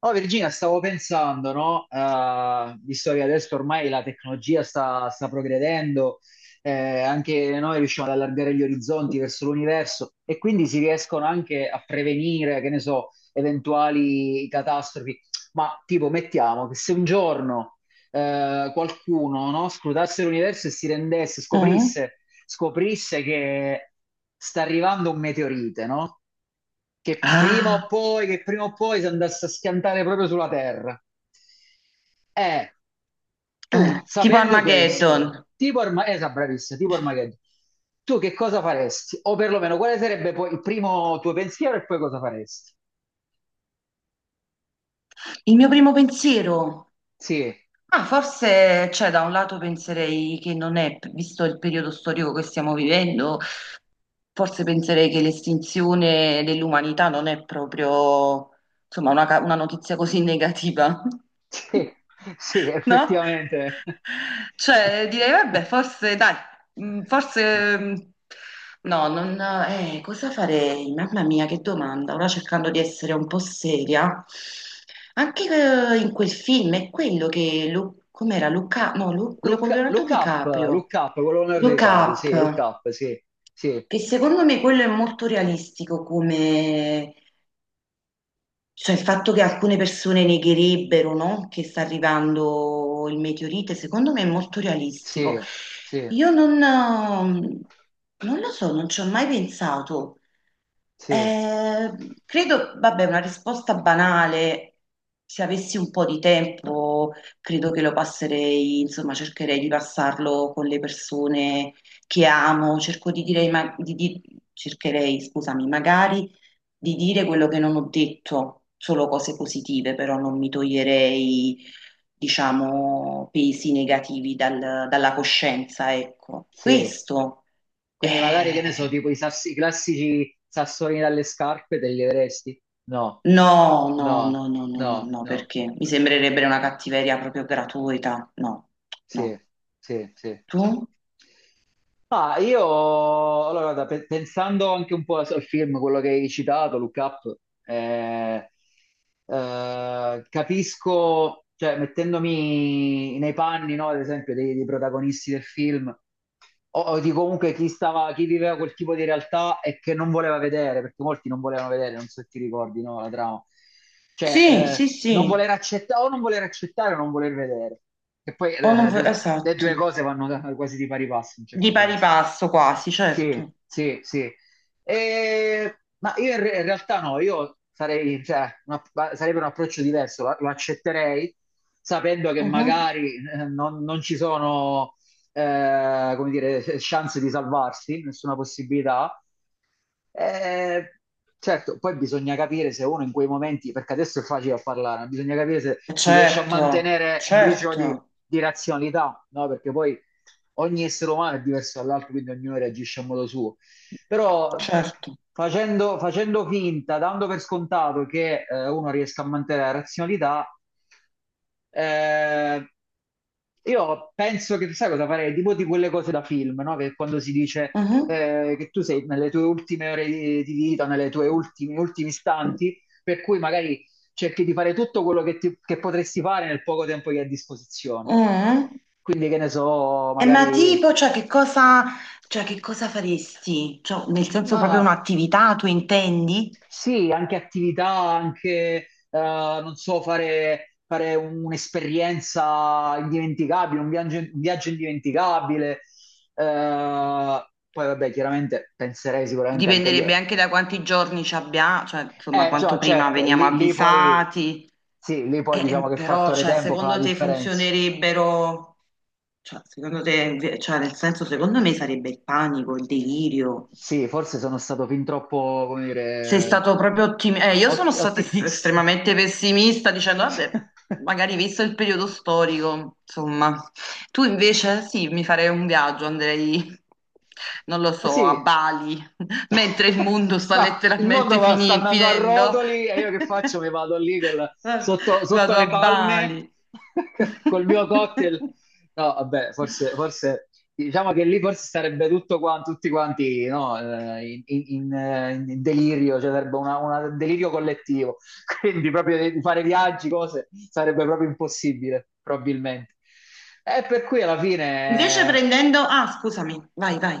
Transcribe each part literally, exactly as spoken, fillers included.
Oh Virginia, stavo pensando, no? Eh, visto che adesso ormai la tecnologia sta, sta progredendo, eh, anche noi riusciamo ad allargare gli orizzonti verso l'universo e quindi si riescono anche a prevenire, che ne so, eventuali catastrofi. Ma tipo, mettiamo che se un giorno eh, qualcuno, no, scrutasse l'universo e si rendesse, Eh? scoprisse, scoprisse che sta arrivando un meteorite, no? che prima o Ah, poi, che prima o poi si andasse a schiantare proprio sulla terra. Eh, Tu, eh, tipo sapendo questo, Armageddon. tipo ormai, esatto, bravissimo, tipo Armageddon, tu che cosa faresti? O perlomeno, quale sarebbe poi il primo tuo pensiero e poi cosa faresti? Il mio primo pensiero. Sì, Ah, forse, cioè, da un lato penserei che non è, visto il periodo storico che stiamo vivendo, forse penserei che l'estinzione dell'umanità non è proprio, insomma, una, ca- una notizia così negativa. sì, sì, no? effettivamente. Cioè, direi, vabbè, forse, dai, mm, forse, mm, no, non, eh, cosa farei? Mamma mia, che domanda. Ora cercando di essere un po' seria. Anche eh, in quel film è quello che, Lu- com'era, Luca, no, Lu- quello Look, con Leonardo look up, DiCaprio, look up, con Leonardo Look DiCaprio, sì, look Up, up, sì, sì, che secondo me quello è molto realistico come, cioè il fatto che alcune persone negherebbero, no, che sta arrivando il meteorite, secondo me è molto realistico. sì, sì, Io non, eh, non lo so, non ci ho mai pensato. sì, Eh, credo, vabbè, una risposta banale, se avessi un po' di tempo, credo che lo passerei, insomma, cercherei di passarlo con le persone che amo, cerco di dire, ma- di- di- cercherei, scusami, magari di dire quello che non ho detto, solo cose positive, però non mi toglierei, diciamo, pesi negativi dal- dalla coscienza, ecco. sì. Questo Quindi magari, che ne so, eh, tipo i, sassi- i classici sassolini dalle scarpe te li avresti? No, No, no, no, no, no, no, no, no, no, no. perché mi sembrerebbe una cattiveria proprio gratuita. No, Sì, no. sì, sì. Tu? Ah, io, allora, guarda, pe- pensando anche un po' al film, quello che hai citato, Look Up, eh, eh, capisco, cioè, mettendomi nei panni, no, ad esempio, dei, dei protagonisti del film, o, o di comunque chi stava, chi viveva quel tipo di realtà e che non voleva vedere, perché molti non volevano vedere, non so se ti ricordi, no, la trama. Cioè, Sì, sì, eh, non sì. voler accettare o non voler accettare o non voler vedere. E poi O non vuoi- eh, le Esatto. due cose vanno quasi di pari passo in un Di certo pari senso. passo quasi, Sì, certo. sì, sì. E- ma io in, re- in realtà no, io sarei, cioè, una- ma sarebbe un approccio diverso, lo, lo accetterei sapendo che Mhm. magari eh, non, non ci sono, eh, come dire, eh, chance di salvarsi, nessuna possibilità, eh, certo, poi bisogna capire se uno in quei momenti, perché adesso è facile a parlare, ma bisogna capire se si riesce a Certo, mantenere un briciolo di, certo, di razionalità, no? Perché poi ogni essere umano è diverso dall'altro, quindi ognuno reagisce a modo suo. Però certo. facendo, facendo finta, dando per scontato che eh, uno riesca a mantenere la razionalità, eh, io penso che sai cosa farei? Tipo di quelle cose da film, no? Che quando si dice Mhm. eh, che tu sei nelle tue ultime ore di, di vita, nelle tue ultimi, ultimi istanti, per cui magari cerchi di fare tutto quello che, ti- che potresti fare nel poco tempo che hai a disposizione. Mm? Quindi, che ne so, E ma magari, tipo, cioè che cosa, cioè, che cosa faresti? Cioè, nel senso ma proprio un'attività, tu intendi? sì, anche attività, anche, eh, non so, fare, fare un'esperienza indimenticabile, un viaggio, un viaggio indimenticabile. Eh, poi, vabbè, chiaramente penserei sicuramente anche agli... Dipenderebbe anche da quanti giorni ci abbiamo, cioè insomma Eh, quanto cioè, prima certo, veniamo lì, lì poi, avvisati. sì, lì Eh, poi diciamo eh, che il però, fattore cioè, tempo fa la secondo te differenza. funzionerebbero, cioè, secondo te, cioè, nel senso, secondo me sarebbe il panico, il delirio. Sì, forse sono stato fin troppo, come Sei dire, stato proprio ottimista. Eh, io sono ot- stata es- ottimista. estremamente pessimista dicendo, vabbè, magari visto il periodo storico, insomma. Tu invece sì, mi farei un viaggio, andrei, non lo Eh so, a sì, Bali, mentre il mondo sta ma il mondo letteralmente va- sta fini- andando a finendo. rotoli e io che faccio? Mi vado lì col- sotto, sotto Vado a le palme Bali. col mio cocktail. No, vabbè, forse, forse diciamo che lì forse sarebbe tutto qua, tutti quanti no, eh, in, in- in, eh, in delirio, cioè sarebbe una- una- un delirio collettivo. Quindi proprio di fare viaggi, cose, sarebbe proprio impossibile, probabilmente. E per cui alla Invece fine. prendendo... Ah, scusami, vai, vai,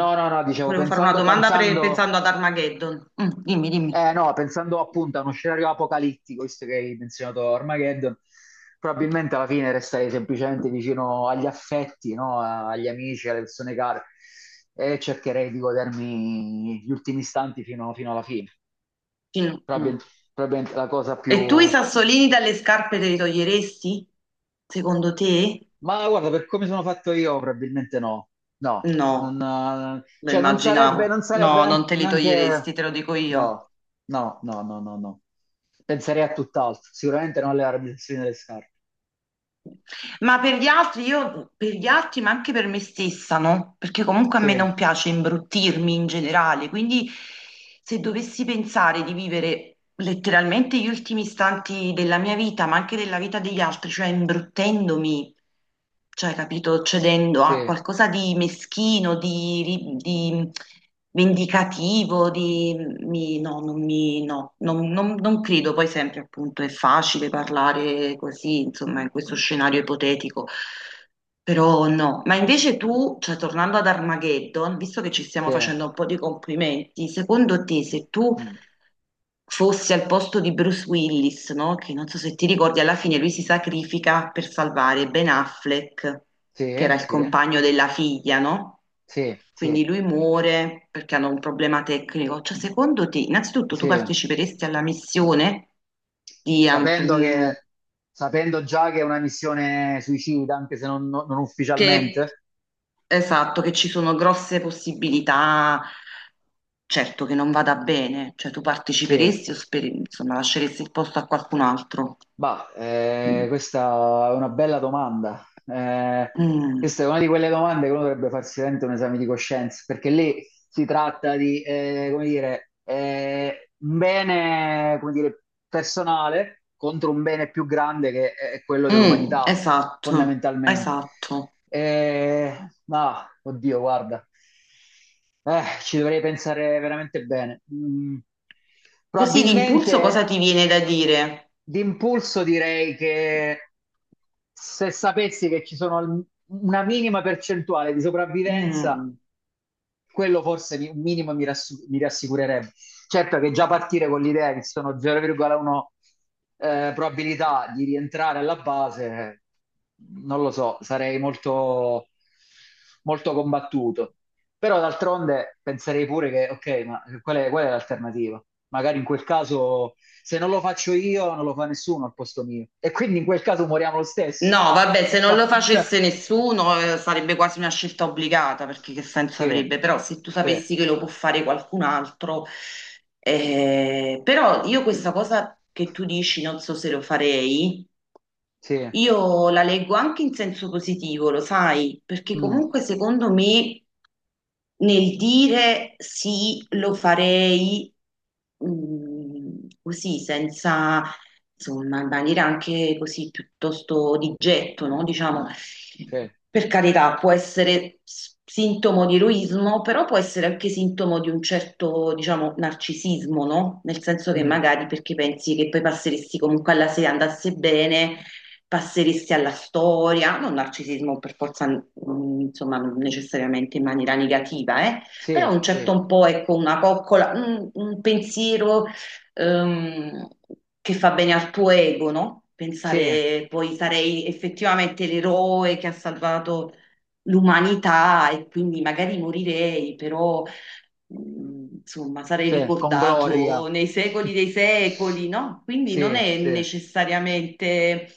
No, no, no, Ti dicevo, volevo fare una pensando, domanda pre- pensando, pensando ad Armageddon. Mm, dimmi, dimmi. eh, no, pensando appunto a uno scenario apocalittico, visto che hai menzionato Armageddon, probabilmente alla fine resterei semplicemente vicino agli affetti, no? A- Agli amici, alle persone care e cercherei di godermi gli ultimi istanti fino, fino alla fine. Film- Probabil- mm. probabilmente la cosa E più, tu i sassolini dalle scarpe te li toglieresti? Secondo te? ma guarda, per come sono fatto io, probabilmente no. No, non, No, eh, lo cioè non sarebbe, immaginavo. non sarebbe No, non nean- te li toglieresti, neanche... te lo dico io. No, no, no, no, no, no. Penserei a tutt'altro. Sicuramente non alle armi delle scarpe. Ma per gli altri, io per gli altri, ma anche per me stessa, no? Perché comunque a Sì, me non piace imbruttirmi in generale, quindi se dovessi pensare di vivere letteralmente gli ultimi istanti della mia vita, ma anche della vita degli altri, cioè imbruttendomi, cioè, capito, cedendo a sì, qualcosa di meschino, di, ri- di vendicativo, di mi- no, non mi, no, non, non- non credo. Poi sempre, appunto, è facile parlare così, insomma, in questo scenario ipotetico. Però no, ma invece tu, cioè tornando ad Armageddon, visto che ci stiamo sì. facendo un po' di complimenti, secondo te se tu Mm. fosse al posto di Bruce Willis, no? Che non so se ti ricordi, alla fine lui si sacrifica per salvare Ben Affleck, che era Sì, il sì, compagno della figlia, no? sì, sì, Quindi lui muore perché hanno un problema tecnico. Cioè, secondo te, innanzitutto tu sì. parteciperesti alla missione di, an- Sapendo mm, che, sapendo già che è una missione suicida, anche se non, non- non che, ufficialmente. esatto, che ci sono grosse possibilità, certo che non vada bene, cioè tu Sì, parteciperesti o speri- insomma, lasceresti il posto a qualcun altro? bah, eh, Mm, questa è una bella domanda. Eh, questa è una di quelle domande che uno dovrebbe farsi veramente un esame di coscienza, perché lì si tratta di, eh, come dire, eh, un bene, come dire, personale contro un bene più grande che è quello mm, dell'umanità, esatto, fondamentalmente. esatto. Eh, ma, oddio, guarda, eh, ci dovrei pensare veramente bene. Mm. Così d'impulso cosa Probabilmente. ti viene da dire? D'impulso direi che se sapessi che ci sono al- una minima percentuale di sopravvivenza, Mm. quello forse mi- un minimo mi, rassu- mi rassicurerebbe. Certo che già partire con l'idea che sono zero virgola uno eh, probabilità di rientrare alla base, non lo so, sarei molto, molto combattuto. Però d'altronde penserei pure che, ok, ma qual è, qual è l'alternativa? Magari in quel caso, se non lo faccio io, non lo fa nessuno al posto mio. E quindi in quel caso moriamo lo stesso. No, vabbè, se non lo facesse nessuno, eh, sarebbe quasi una scelta obbligata, perché che senso Sì, avrebbe? Però se tu sì. sapessi che lo può fare qualcun altro, eh, però io questa cosa che tu dici, non so se lo farei, Sì, io la leggo anche in senso positivo, lo sai, perché mm, comunque secondo me nel dire sì, lo farei, mm, così, senza, insomma, in maniera anche così piuttosto di getto, no? Diciamo, sì, per carità, può essere s- sintomo di eroismo, però può essere anche sintomo di un certo, diciamo, narcisismo, no? Nel senso che mm, magari perché pensi che poi passeresti comunque alla se andasse bene passeristi alla storia, non narcisismo per forza, mh, insomma, non necessariamente in maniera negativa, eh, sì, però un sì, certo un po', ecco, una coccola, un, un pensiero, ehm, che fa bene al tuo ego, no? sì, Pensare poi sarei effettivamente l'eroe che ha salvato l'umanità e quindi magari morirei, però mh, insomma sarei sì, con Gloria. ricordato nei secoli dei secoli, no? Quindi non Sì, è sì, necessariamente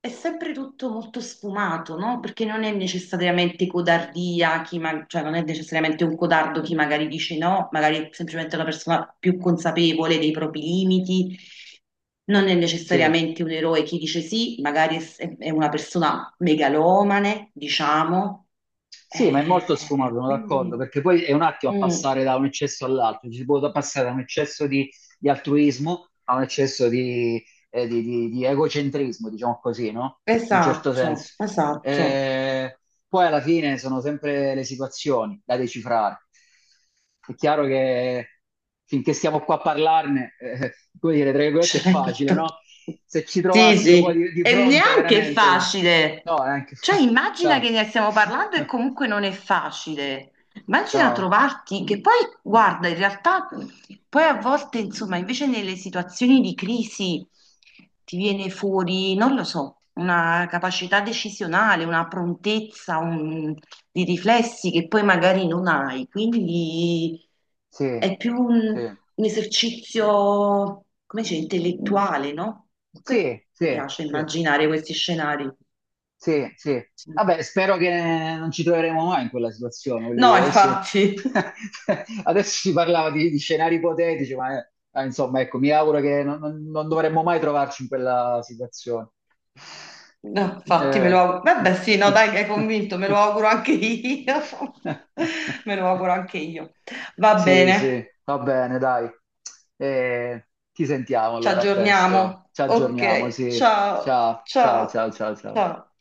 è sempre tutto molto sfumato, no? Perché non è necessariamente codardia, chi ma- cioè non è necessariamente un codardo chi magari dice no, magari è semplicemente una persona più consapevole dei propri limiti, non è sì. necessariamente un eroe chi dice sì, magari è, s- è una persona megalomane, diciamo. Sì, ma è molto sfumato, Eh, sono d'accordo, quindi, perché poi è un attimo a mm, passare da un eccesso all'altro, ci si può passare da un eccesso di, di altruismo a un eccesso di, eh, di- di- di egocentrismo, diciamo così, no? In un certo esatto, senso. esatto. Eh, poi alla fine sono sempre le situazioni da decifrare. È chiaro che finché stiamo qua a parlarne, eh, come dire, tra virgolette è facile, Certo. no? Se ci Sì, trovassimo poi sì. di, di E fronte neanche è veramente... facile. No, è anche... Cioè, immagina che no. ne stiamo parlando e comunque non è facile. Immagina No, trovarti, che poi, guarda, in realtà, poi a volte, insomma, invece nelle situazioni di crisi ti viene fuori, non lo so, una capacità decisionale, una prontezza, un- di riflessi che poi magari non hai. Quindi... sì, È più sì, un, un esercizio, come dice, intellettuale, no? Comunque sì, mi sì, piace sì, immaginare questi scenari. sì, sì. Sì. Vabbè, spero che non ci troveremo mai in quella situazione, voglio No, dire, adesso, infatti, adesso si parlava di, di scenari ipotetici, ma eh, eh, insomma, ecco, mi auguro che non, non- non dovremmo mai trovarci in quella situazione. no, infatti me lo Eh. auguro. Vabbè, sì, no, dai, che hai convinto, me lo auguro anche io. Me lo auguro anche io. Va Sì, bene, sì, va bene, dai. Eh, ti sentiamo ci allora, a presto. aggiorniamo. Ci Ok, aggiorniamo, sì. ciao, Ciao, ciao, ciao, ciao, ciao, ciao. ciao.